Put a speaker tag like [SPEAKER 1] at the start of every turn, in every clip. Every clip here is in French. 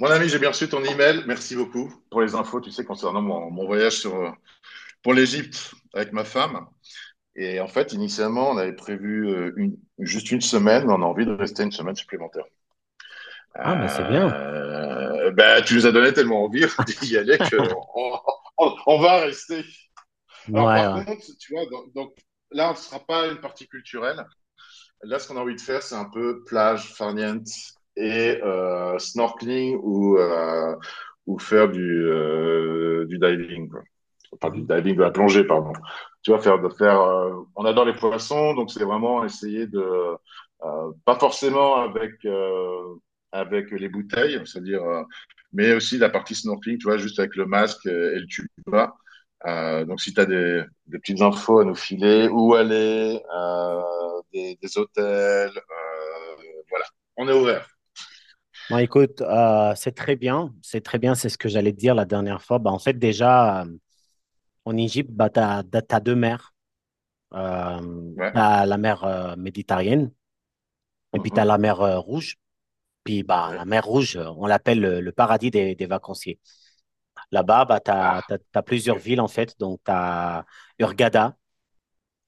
[SPEAKER 1] Mon ami, j'ai bien reçu ton email. Merci beaucoup pour les infos, tu sais, concernant mon voyage sur, pour l'Égypte avec ma femme. Et en fait, initialement, on avait prévu juste une semaine, mais on a envie de rester une semaine supplémentaire.
[SPEAKER 2] Ah, ben c'est bien.
[SPEAKER 1] Tu nous as donné tellement envie d'y aller que on, on va rester. Alors,
[SPEAKER 2] Ouais,
[SPEAKER 1] par
[SPEAKER 2] ouais.
[SPEAKER 1] contre, tu vois, là, on ne sera pas une partie culturelle. Là, ce qu'on a envie de faire, c'est un peu plage, farniente et snorkeling ou faire du diving, quoi. Enfin, du
[SPEAKER 2] Mhm.
[SPEAKER 1] diving, de la plongée, pardon. Tu vois, faire, on adore les poissons, donc c'est vraiment essayer de, pas forcément avec, avec les bouteilles, c'est-à-dire, mais aussi la partie snorkeling, tu vois, juste avec le masque et le tuba. Donc, si tu as des petites infos à nous filer, où aller, des hôtels. Voilà, on est ouvert.
[SPEAKER 2] Bon, écoute, c'est très bien. C'est très bien, c'est ce que j'allais te dire la dernière fois. Bah, en fait, déjà, en Égypte, bah, tu as deux mers.
[SPEAKER 1] Ouais.
[SPEAKER 2] T'as la mer méditerranéenne et puis tu as
[SPEAKER 1] Mhm.
[SPEAKER 2] la mer rouge. Puis bah,
[SPEAKER 1] Ouais.
[SPEAKER 2] la mer rouge, on l'appelle le paradis des vacanciers. Là-bas, bah, tu
[SPEAKER 1] Ah,
[SPEAKER 2] as
[SPEAKER 1] ok.
[SPEAKER 2] plusieurs villes, en fait. Donc, tu as...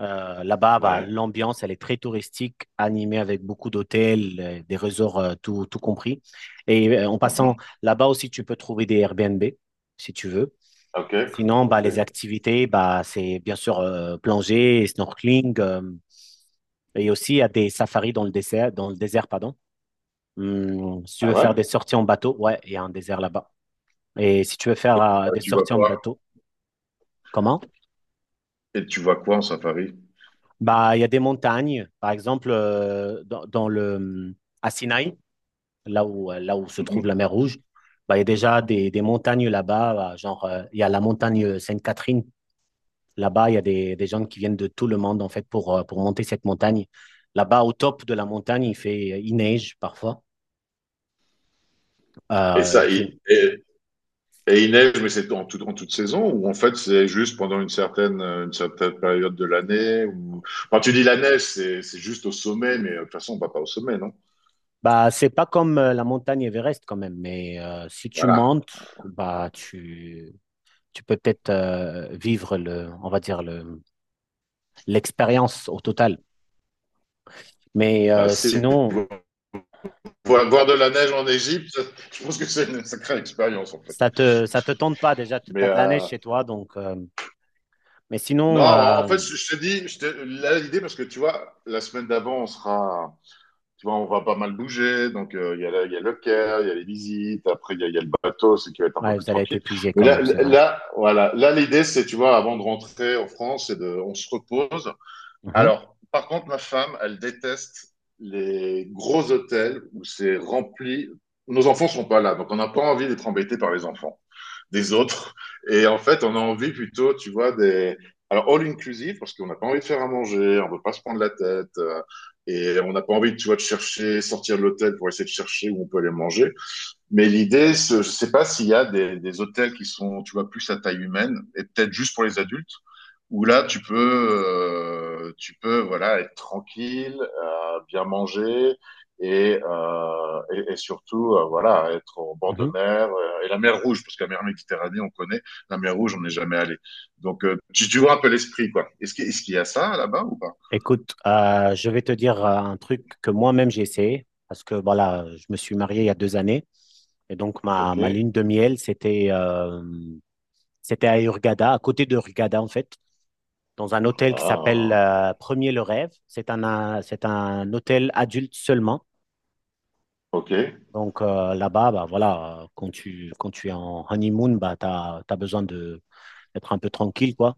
[SPEAKER 2] Là-bas, bah,
[SPEAKER 1] Ouais.
[SPEAKER 2] l'ambiance, elle est très touristique, animée avec beaucoup d'hôtels, des resorts, tout, tout compris. Et en passant,
[SPEAKER 1] Mhm.
[SPEAKER 2] là-bas aussi, tu peux trouver des Airbnb, si tu veux.
[SPEAKER 1] Ok.
[SPEAKER 2] Sinon, bah,
[SPEAKER 1] Ok.
[SPEAKER 2] les activités, bah, c'est bien sûr plongée, snorkeling, et aussi il y a des safaris dans le désert, pardon. Si tu
[SPEAKER 1] Ah
[SPEAKER 2] veux
[SPEAKER 1] ouais?
[SPEAKER 2] faire des sorties en bateau, ouais, il y a un désert là-bas. Et si tu veux faire
[SPEAKER 1] Ouais,
[SPEAKER 2] des
[SPEAKER 1] tu vois
[SPEAKER 2] sorties en
[SPEAKER 1] quoi?
[SPEAKER 2] bateau, comment?
[SPEAKER 1] Et tu vois quoi en safari?
[SPEAKER 2] Bah, il y a des montagnes, par exemple, dans, dans le, à Sinaï, là où se trouve
[SPEAKER 1] Mhm.
[SPEAKER 2] la mer Rouge. Bah, il y a déjà des montagnes là-bas, bah, genre il y a la montagne Sainte-Catherine. Là-bas, il y a des gens qui viennent de tout le monde en fait pour monter cette montagne. Là-bas, au top de la montagne, il fait, il neige parfois.
[SPEAKER 1] Et ça,
[SPEAKER 2] Il fait,
[SPEAKER 1] et, et- et il neige, mais c'est en, tout, en toute saison ou en fait c'est juste pendant une certaine période de l'année, ou quand tu dis la neige, c'est juste au sommet, mais de toute façon on va pas au sommet, non?
[SPEAKER 2] bah, c'est pas comme la montagne Everest quand même, mais si tu
[SPEAKER 1] Voilà.
[SPEAKER 2] montes, bah, tu peux peut-être vivre le, on va dire le, l'expérience au total. Mais
[SPEAKER 1] Ah, c'est-
[SPEAKER 2] sinon,
[SPEAKER 1] Voir, voir de la neige en Égypte, je pense que c'est une sacrée expérience en fait.
[SPEAKER 2] ça te, ça te tente pas? Déjà, tu
[SPEAKER 1] Mais
[SPEAKER 2] as de la neige
[SPEAKER 1] euh,
[SPEAKER 2] chez toi, donc. Mais
[SPEAKER 1] Non,
[SPEAKER 2] sinon,
[SPEAKER 1] en fait, je te dis, je te, là, l'idée, parce que tu vois, la semaine d'avant, on sera, tu vois, on va pas mal bouger. Donc, il y a, il y a le Caire, il y a les visites, après, il y a le bateau, c'est qui va être un peu
[SPEAKER 2] ouais,
[SPEAKER 1] plus
[SPEAKER 2] vous allez être
[SPEAKER 1] tranquille.
[SPEAKER 2] épuisé
[SPEAKER 1] Mais
[SPEAKER 2] quand même, c'est vrai.
[SPEAKER 1] voilà, là, l'idée, c'est, tu vois, avant de rentrer en France, c'est de, on se repose.
[SPEAKER 2] Mhm,
[SPEAKER 1] Alors, par contre, ma femme, elle déteste les gros hôtels où c'est rempli. Nos enfants sont pas là, donc on n'a pas envie d'être embêtés par les enfants des autres. Et en fait, on a envie plutôt, tu vois, des. Alors, all inclusive, parce qu'on n'a pas envie de faire à manger, on ne veut pas se prendre la tête. Et on n'a pas envie, tu vois, de chercher, sortir de l'hôtel pour essayer de chercher où on peut aller manger. Mais l'idée, je sais pas s'il y a des hôtels qui sont, tu vois, plus à taille humaine et peut-être juste pour les adultes, où là, tu peux, voilà, être tranquille, bien manger et, et surtout, voilà, être au bord de
[SPEAKER 2] mhm.
[SPEAKER 1] mer et la mer Rouge, parce que la mer Méditerranée, on connaît, la mer Rouge, on n'est jamais allé. Donc, tu, tu vois un peu l'esprit, quoi. Est-ce qu'il y a ça là-bas ou pas?
[SPEAKER 2] Écoute, je vais te dire un truc que moi-même j'ai essayé, parce que voilà, je me suis marié il y a 2 années, et donc ma,
[SPEAKER 1] Ok.
[SPEAKER 2] ma lune de miel, c'était c'était à Hurghada, à côté de Hurghada en fait, dans un hôtel qui s'appelle
[SPEAKER 1] Ah,
[SPEAKER 2] Premier le Rêve. C'est un hôtel adulte seulement.
[SPEAKER 1] ok.
[SPEAKER 2] Donc là-bas, bah, voilà, quand tu es en honeymoon, bah, tu as besoin de d'être un peu tranquille, quoi.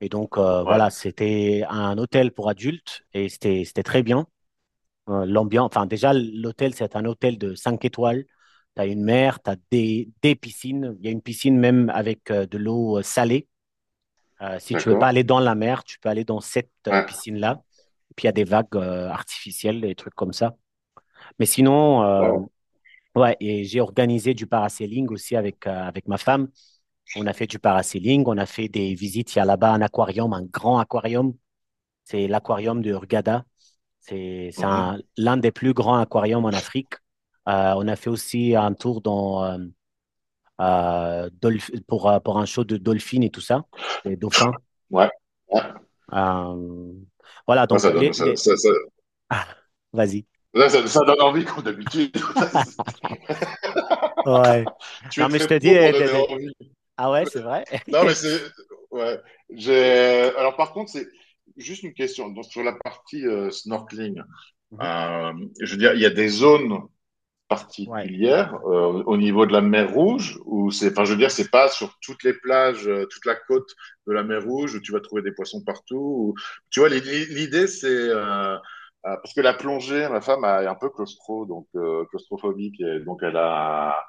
[SPEAKER 2] Et donc,
[SPEAKER 1] Ouais.
[SPEAKER 2] voilà, c'était un hôtel pour adultes et c'était, c'était très bien. L'ambiance, enfin, déjà, l'hôtel, c'est un hôtel de 5 étoiles. Tu as une mer, tu as des piscines. Il y a une piscine même avec de l'eau salée. Si tu veux pas
[SPEAKER 1] D'accord.
[SPEAKER 2] aller dans la mer, tu peux aller dans cette
[SPEAKER 1] Ouais.
[SPEAKER 2] piscine-là. Puis il y a des vagues artificielles, des trucs comme ça. Mais sinon,
[SPEAKER 1] Wow.
[SPEAKER 2] ouais, et j'ai organisé du parasailing aussi avec, avec ma femme. On a fait du parasailing, on a fait des visites. Il y a là-bas un aquarium, un grand aquarium. C'est l'aquarium de Hurghada. C'est
[SPEAKER 1] Mhm.
[SPEAKER 2] l'un des plus grands aquariums en Afrique. On a fait aussi un tour dans, pour un show de dolphins et tout ça, des dauphins.
[SPEAKER 1] Ouais. Ouais.
[SPEAKER 2] Euh, voilà,
[SPEAKER 1] Ouais,
[SPEAKER 2] donc
[SPEAKER 1] ça donne, ça,
[SPEAKER 2] les...
[SPEAKER 1] ça, ça-
[SPEAKER 2] Ah, vas-y.
[SPEAKER 1] là, ça- ça donne envie comme d'habitude.
[SPEAKER 2] Ouais.
[SPEAKER 1] Tu
[SPEAKER 2] Non,
[SPEAKER 1] es
[SPEAKER 2] mais je
[SPEAKER 1] très
[SPEAKER 2] te dis...
[SPEAKER 1] pro pour donner envie.
[SPEAKER 2] Ah ouais, c'est vrai?
[SPEAKER 1] Non, mais c'est. Ouais. J'ai... Alors, par contre, c'est juste une question. Donc, sur la partie snorkeling,
[SPEAKER 2] Mhm.
[SPEAKER 1] euh, je veux dire, il y a des zones
[SPEAKER 2] Ouais,
[SPEAKER 1] particulière au niveau de la mer Rouge, ou c'est, enfin je veux dire c'est pas sur toutes les plages, toute la côte de la mer Rouge où tu vas trouver des poissons partout, ou tu vois l'i- l'idée c'est parce que la plongée ma femme est un peu claustro donc claustrophobique, et donc elle a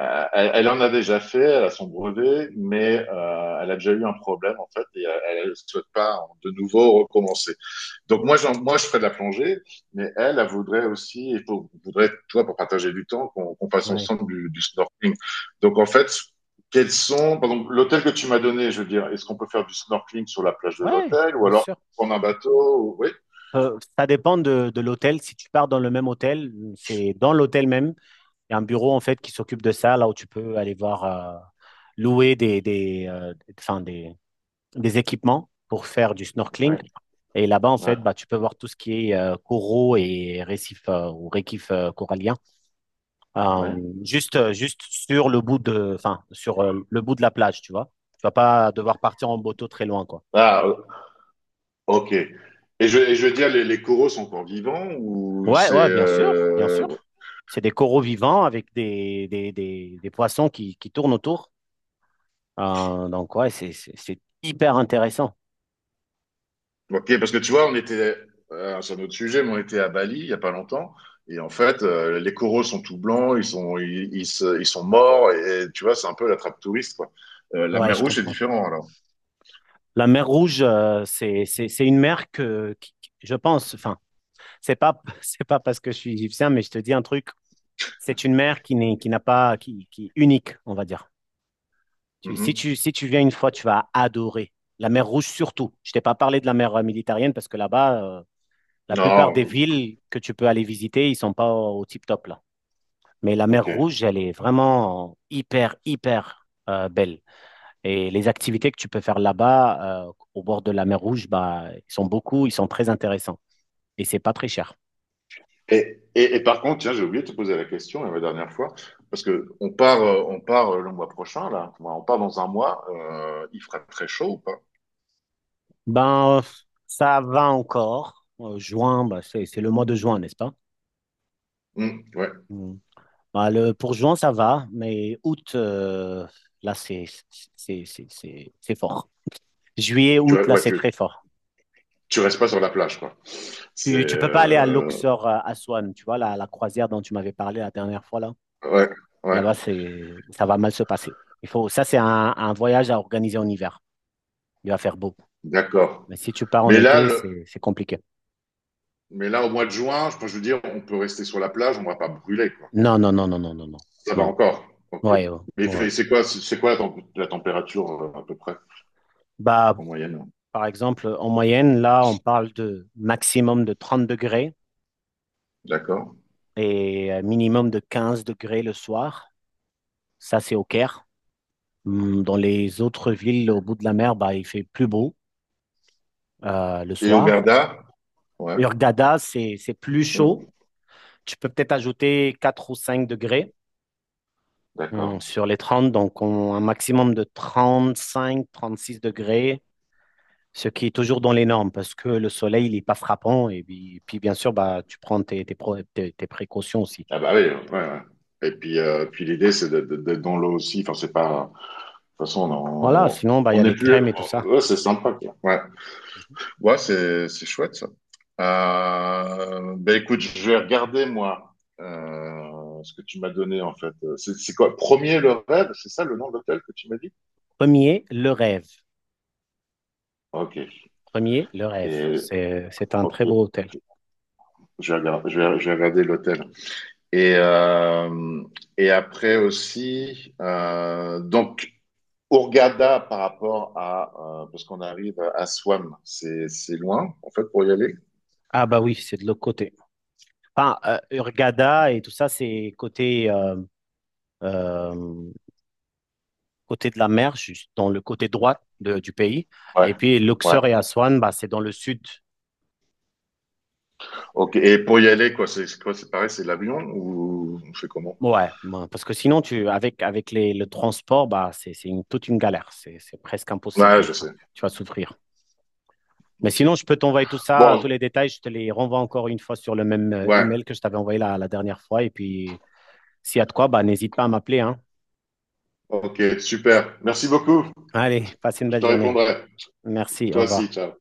[SPEAKER 1] euh, elle, elle en a déjà fait, elle a son brevet, mais elle a déjà eu un problème en fait, et elle souhaite pas de nouveau recommencer. Donc Moi, je ferais de la plongée, mais elle voudrait aussi, et pour, voudrait, toi, pour partager du temps, qu'on qu fasse
[SPEAKER 2] ouais.
[SPEAKER 1] ensemble du snorkeling. Donc en fait, quels sont, par exemple, l'hôtel que tu m'as donné, je veux dire, est-ce qu'on peut faire du snorkeling sur la plage de
[SPEAKER 2] Ouais,
[SPEAKER 1] l'hôtel, ou
[SPEAKER 2] bien
[SPEAKER 1] alors
[SPEAKER 2] sûr.
[SPEAKER 1] prendre un bateau? Oui,
[SPEAKER 2] Ça dépend de l'hôtel. Si tu pars dans le même hôtel, c'est dans l'hôtel même. Il y a un bureau en fait qui s'occupe de ça, là où tu peux aller voir louer des, enfin, des équipements pour faire du snorkeling.
[SPEAKER 1] oui,
[SPEAKER 2] Et là-bas, en
[SPEAKER 1] oui,
[SPEAKER 2] fait, bah, tu peux voir tout ce qui est coraux et récifs ou récifs coralliens,
[SPEAKER 1] oui.
[SPEAKER 2] euh, juste, juste sur le bout de, enfin, sur le bout de la plage, tu vois. Tu vas pas devoir partir en bateau très loin, quoi.
[SPEAKER 1] Ah, ok. Et je veux dire, les coraux sont encore vivants ou
[SPEAKER 2] Ouais,
[SPEAKER 1] c'est
[SPEAKER 2] ouais, bien sûr, bien sûr. C'est des coraux vivants avec des poissons qui tournent autour. Donc, ouais, c'est, c'est hyper intéressant.
[SPEAKER 1] Ok, parce que tu vois, on était, c'est un autre sujet, mais on était à Bali il y a pas longtemps, et en fait, les coraux sont tout blancs, ils sont, ils sont morts, et tu vois, c'est un peu la trappe touriste, quoi. La
[SPEAKER 2] Ouais,
[SPEAKER 1] mer
[SPEAKER 2] je
[SPEAKER 1] Rouge, c'est
[SPEAKER 2] comprends.
[SPEAKER 1] différent, alors.
[SPEAKER 2] La mer Rouge, c'est une mer que, je pense, enfin, c'est pas, c'est pas parce que je suis égyptien, mais je te dis un truc, c'est une mer qui n'est, qui n'a pas, qui est unique, on va dire. Si tu,
[SPEAKER 1] Mhm.
[SPEAKER 2] si tu viens une fois, tu vas adorer. La mer Rouge surtout. Je t'ai pas parlé de la mer Méditerranée parce que là-bas, la plupart des
[SPEAKER 1] Non,
[SPEAKER 2] villes que tu peux aller visiter, ils sont pas au, au tip-top là. Mais la mer
[SPEAKER 1] ok.
[SPEAKER 2] Rouge, elle est vraiment hyper, hyper belle. Et les activités que tu peux faire là-bas, au bord de la mer Rouge, bah, ils sont beaucoup, ils sont très intéressants. Et c'est pas très cher.
[SPEAKER 1] Et par contre, tiens, j'ai oublié de te poser la question la dernière fois, parce que on part le mois prochain, là. Enfin, on part dans un mois, il fera très chaud ou pas?
[SPEAKER 2] Ben, ça va encore. Juin, bah, c'est le mois de juin, n'est-ce pas?
[SPEAKER 1] Mhm. Ouais,
[SPEAKER 2] Mm. Bah, le, pour juin, ça va, mais août, là, c'est c'est fort. Juillet, août, là, c'est
[SPEAKER 1] tu,
[SPEAKER 2] très fort.
[SPEAKER 1] tu restes pas sur la plage, quoi. C'est,
[SPEAKER 2] Tu peux pas aller à Luxor, à Aswan, tu vois, la croisière dont tu m'avais parlé la dernière fois, là.
[SPEAKER 1] ouais, ouais,
[SPEAKER 2] Là-bas, c'est, ça va mal se passer. Il faut, ça, c'est un voyage à organiser en hiver. Il va faire beau.
[SPEAKER 1] d'accord.
[SPEAKER 2] Mais si tu pars en
[SPEAKER 1] Mais là,
[SPEAKER 2] été,
[SPEAKER 1] le-
[SPEAKER 2] c'est compliqué.
[SPEAKER 1] mais là, au mois de juin, je veux dire, on peut rester sur la plage, on va pas brûler, quoi.
[SPEAKER 2] Non, non, non, non, non, non, non.
[SPEAKER 1] Ça va
[SPEAKER 2] Non.
[SPEAKER 1] encore. Ok.
[SPEAKER 2] Ouais, ouais.
[SPEAKER 1] Mais
[SPEAKER 2] Ouais.
[SPEAKER 1] fait- c'est quoi, c'est c'est quoi la, la température à peu près
[SPEAKER 2] Bah,
[SPEAKER 1] en moyenne? Hein.
[SPEAKER 2] par exemple, en moyenne, là, on parle de maximum de 30 degrés
[SPEAKER 1] D'accord.
[SPEAKER 2] et minimum de 15 degrés le soir. Ça, c'est au Caire. Dans les autres villes au bout de la mer, bah, il fait plus beau le
[SPEAKER 1] Et au
[SPEAKER 2] soir.
[SPEAKER 1] Garda? Ouais.
[SPEAKER 2] Hurghada, c'est plus
[SPEAKER 1] Mm.
[SPEAKER 2] chaud. Tu peux peut-être ajouter 4 ou 5 degrés
[SPEAKER 1] D'accord.
[SPEAKER 2] sur les 30, donc un maximum de 35, 36 degrés, ce qui est toujours dans les normes parce que le soleil, il n'est pas frappant. Et puis, puis, bien sûr, bah, tu prends tes, tes précautions aussi.
[SPEAKER 1] Ah bah oui, ouais, ouais. Et puis, puis l'idée, c'est d'être dans l'eau aussi. Enfin, c'est pas. De toute façon,
[SPEAKER 2] Voilà, sinon, bah, il
[SPEAKER 1] on
[SPEAKER 2] y a
[SPEAKER 1] n'est
[SPEAKER 2] les
[SPEAKER 1] plus.
[SPEAKER 2] crèmes et tout
[SPEAKER 1] Oh,
[SPEAKER 2] ça.
[SPEAKER 1] ouais, c'est sympa, quoi. Ouais.
[SPEAKER 2] Mhm.
[SPEAKER 1] Ouais, c'est chouette ça. Ben écoute, je vais regarder moi ce que tu m'as donné en fait. C'est c'est quoi? Premier le rêve, c'est ça le nom de l'hôtel que tu m'as dit?
[SPEAKER 2] Premier, le rêve.
[SPEAKER 1] Ok.
[SPEAKER 2] Premier, le rêve.
[SPEAKER 1] Et
[SPEAKER 2] C'est un
[SPEAKER 1] ok,
[SPEAKER 2] très beau hôtel.
[SPEAKER 1] je vais regarder l'hôtel. Et après aussi, donc Hurghada par rapport à parce qu'on arrive à Swam, c'est loin en fait pour y aller.
[SPEAKER 2] Ah bah oui, c'est de l'autre côté. Enfin, Hurghada et tout ça, c'est côté, euh, côté de la mer, juste dans le côté droit du pays.
[SPEAKER 1] Ouais,
[SPEAKER 2] Et puis
[SPEAKER 1] ouais.
[SPEAKER 2] Luxor et Aswan, bah, c'est dans le sud.
[SPEAKER 1] Ok. Et pour y aller, quoi, c'est quoi? C'est pareil, c'est l'avion ou on fait comment?
[SPEAKER 2] Ouais, moi, parce que sinon, tu, avec, avec les, le transport, bah, toute une galère. C'est presque impossible de
[SPEAKER 1] Ouais,
[SPEAKER 2] le
[SPEAKER 1] je
[SPEAKER 2] faire.
[SPEAKER 1] sais.
[SPEAKER 2] Tu vas souffrir. Mais
[SPEAKER 1] Ok.
[SPEAKER 2] sinon, je peux t'envoyer tout ça, tous
[SPEAKER 1] Bon,
[SPEAKER 2] les détails. Je te les renvoie encore une fois sur le même
[SPEAKER 1] ouais.
[SPEAKER 2] email que je t'avais envoyé la, la dernière fois. Et puis, s'il y a de quoi, bah, n'hésite pas à m'appeler, hein.
[SPEAKER 1] Ok, super. Merci beaucoup.
[SPEAKER 2] Allez, passe une
[SPEAKER 1] Je
[SPEAKER 2] belle
[SPEAKER 1] te
[SPEAKER 2] journée.
[SPEAKER 1] répondrai.
[SPEAKER 2] Merci, au
[SPEAKER 1] Toi aussi,
[SPEAKER 2] revoir.
[SPEAKER 1] ciao.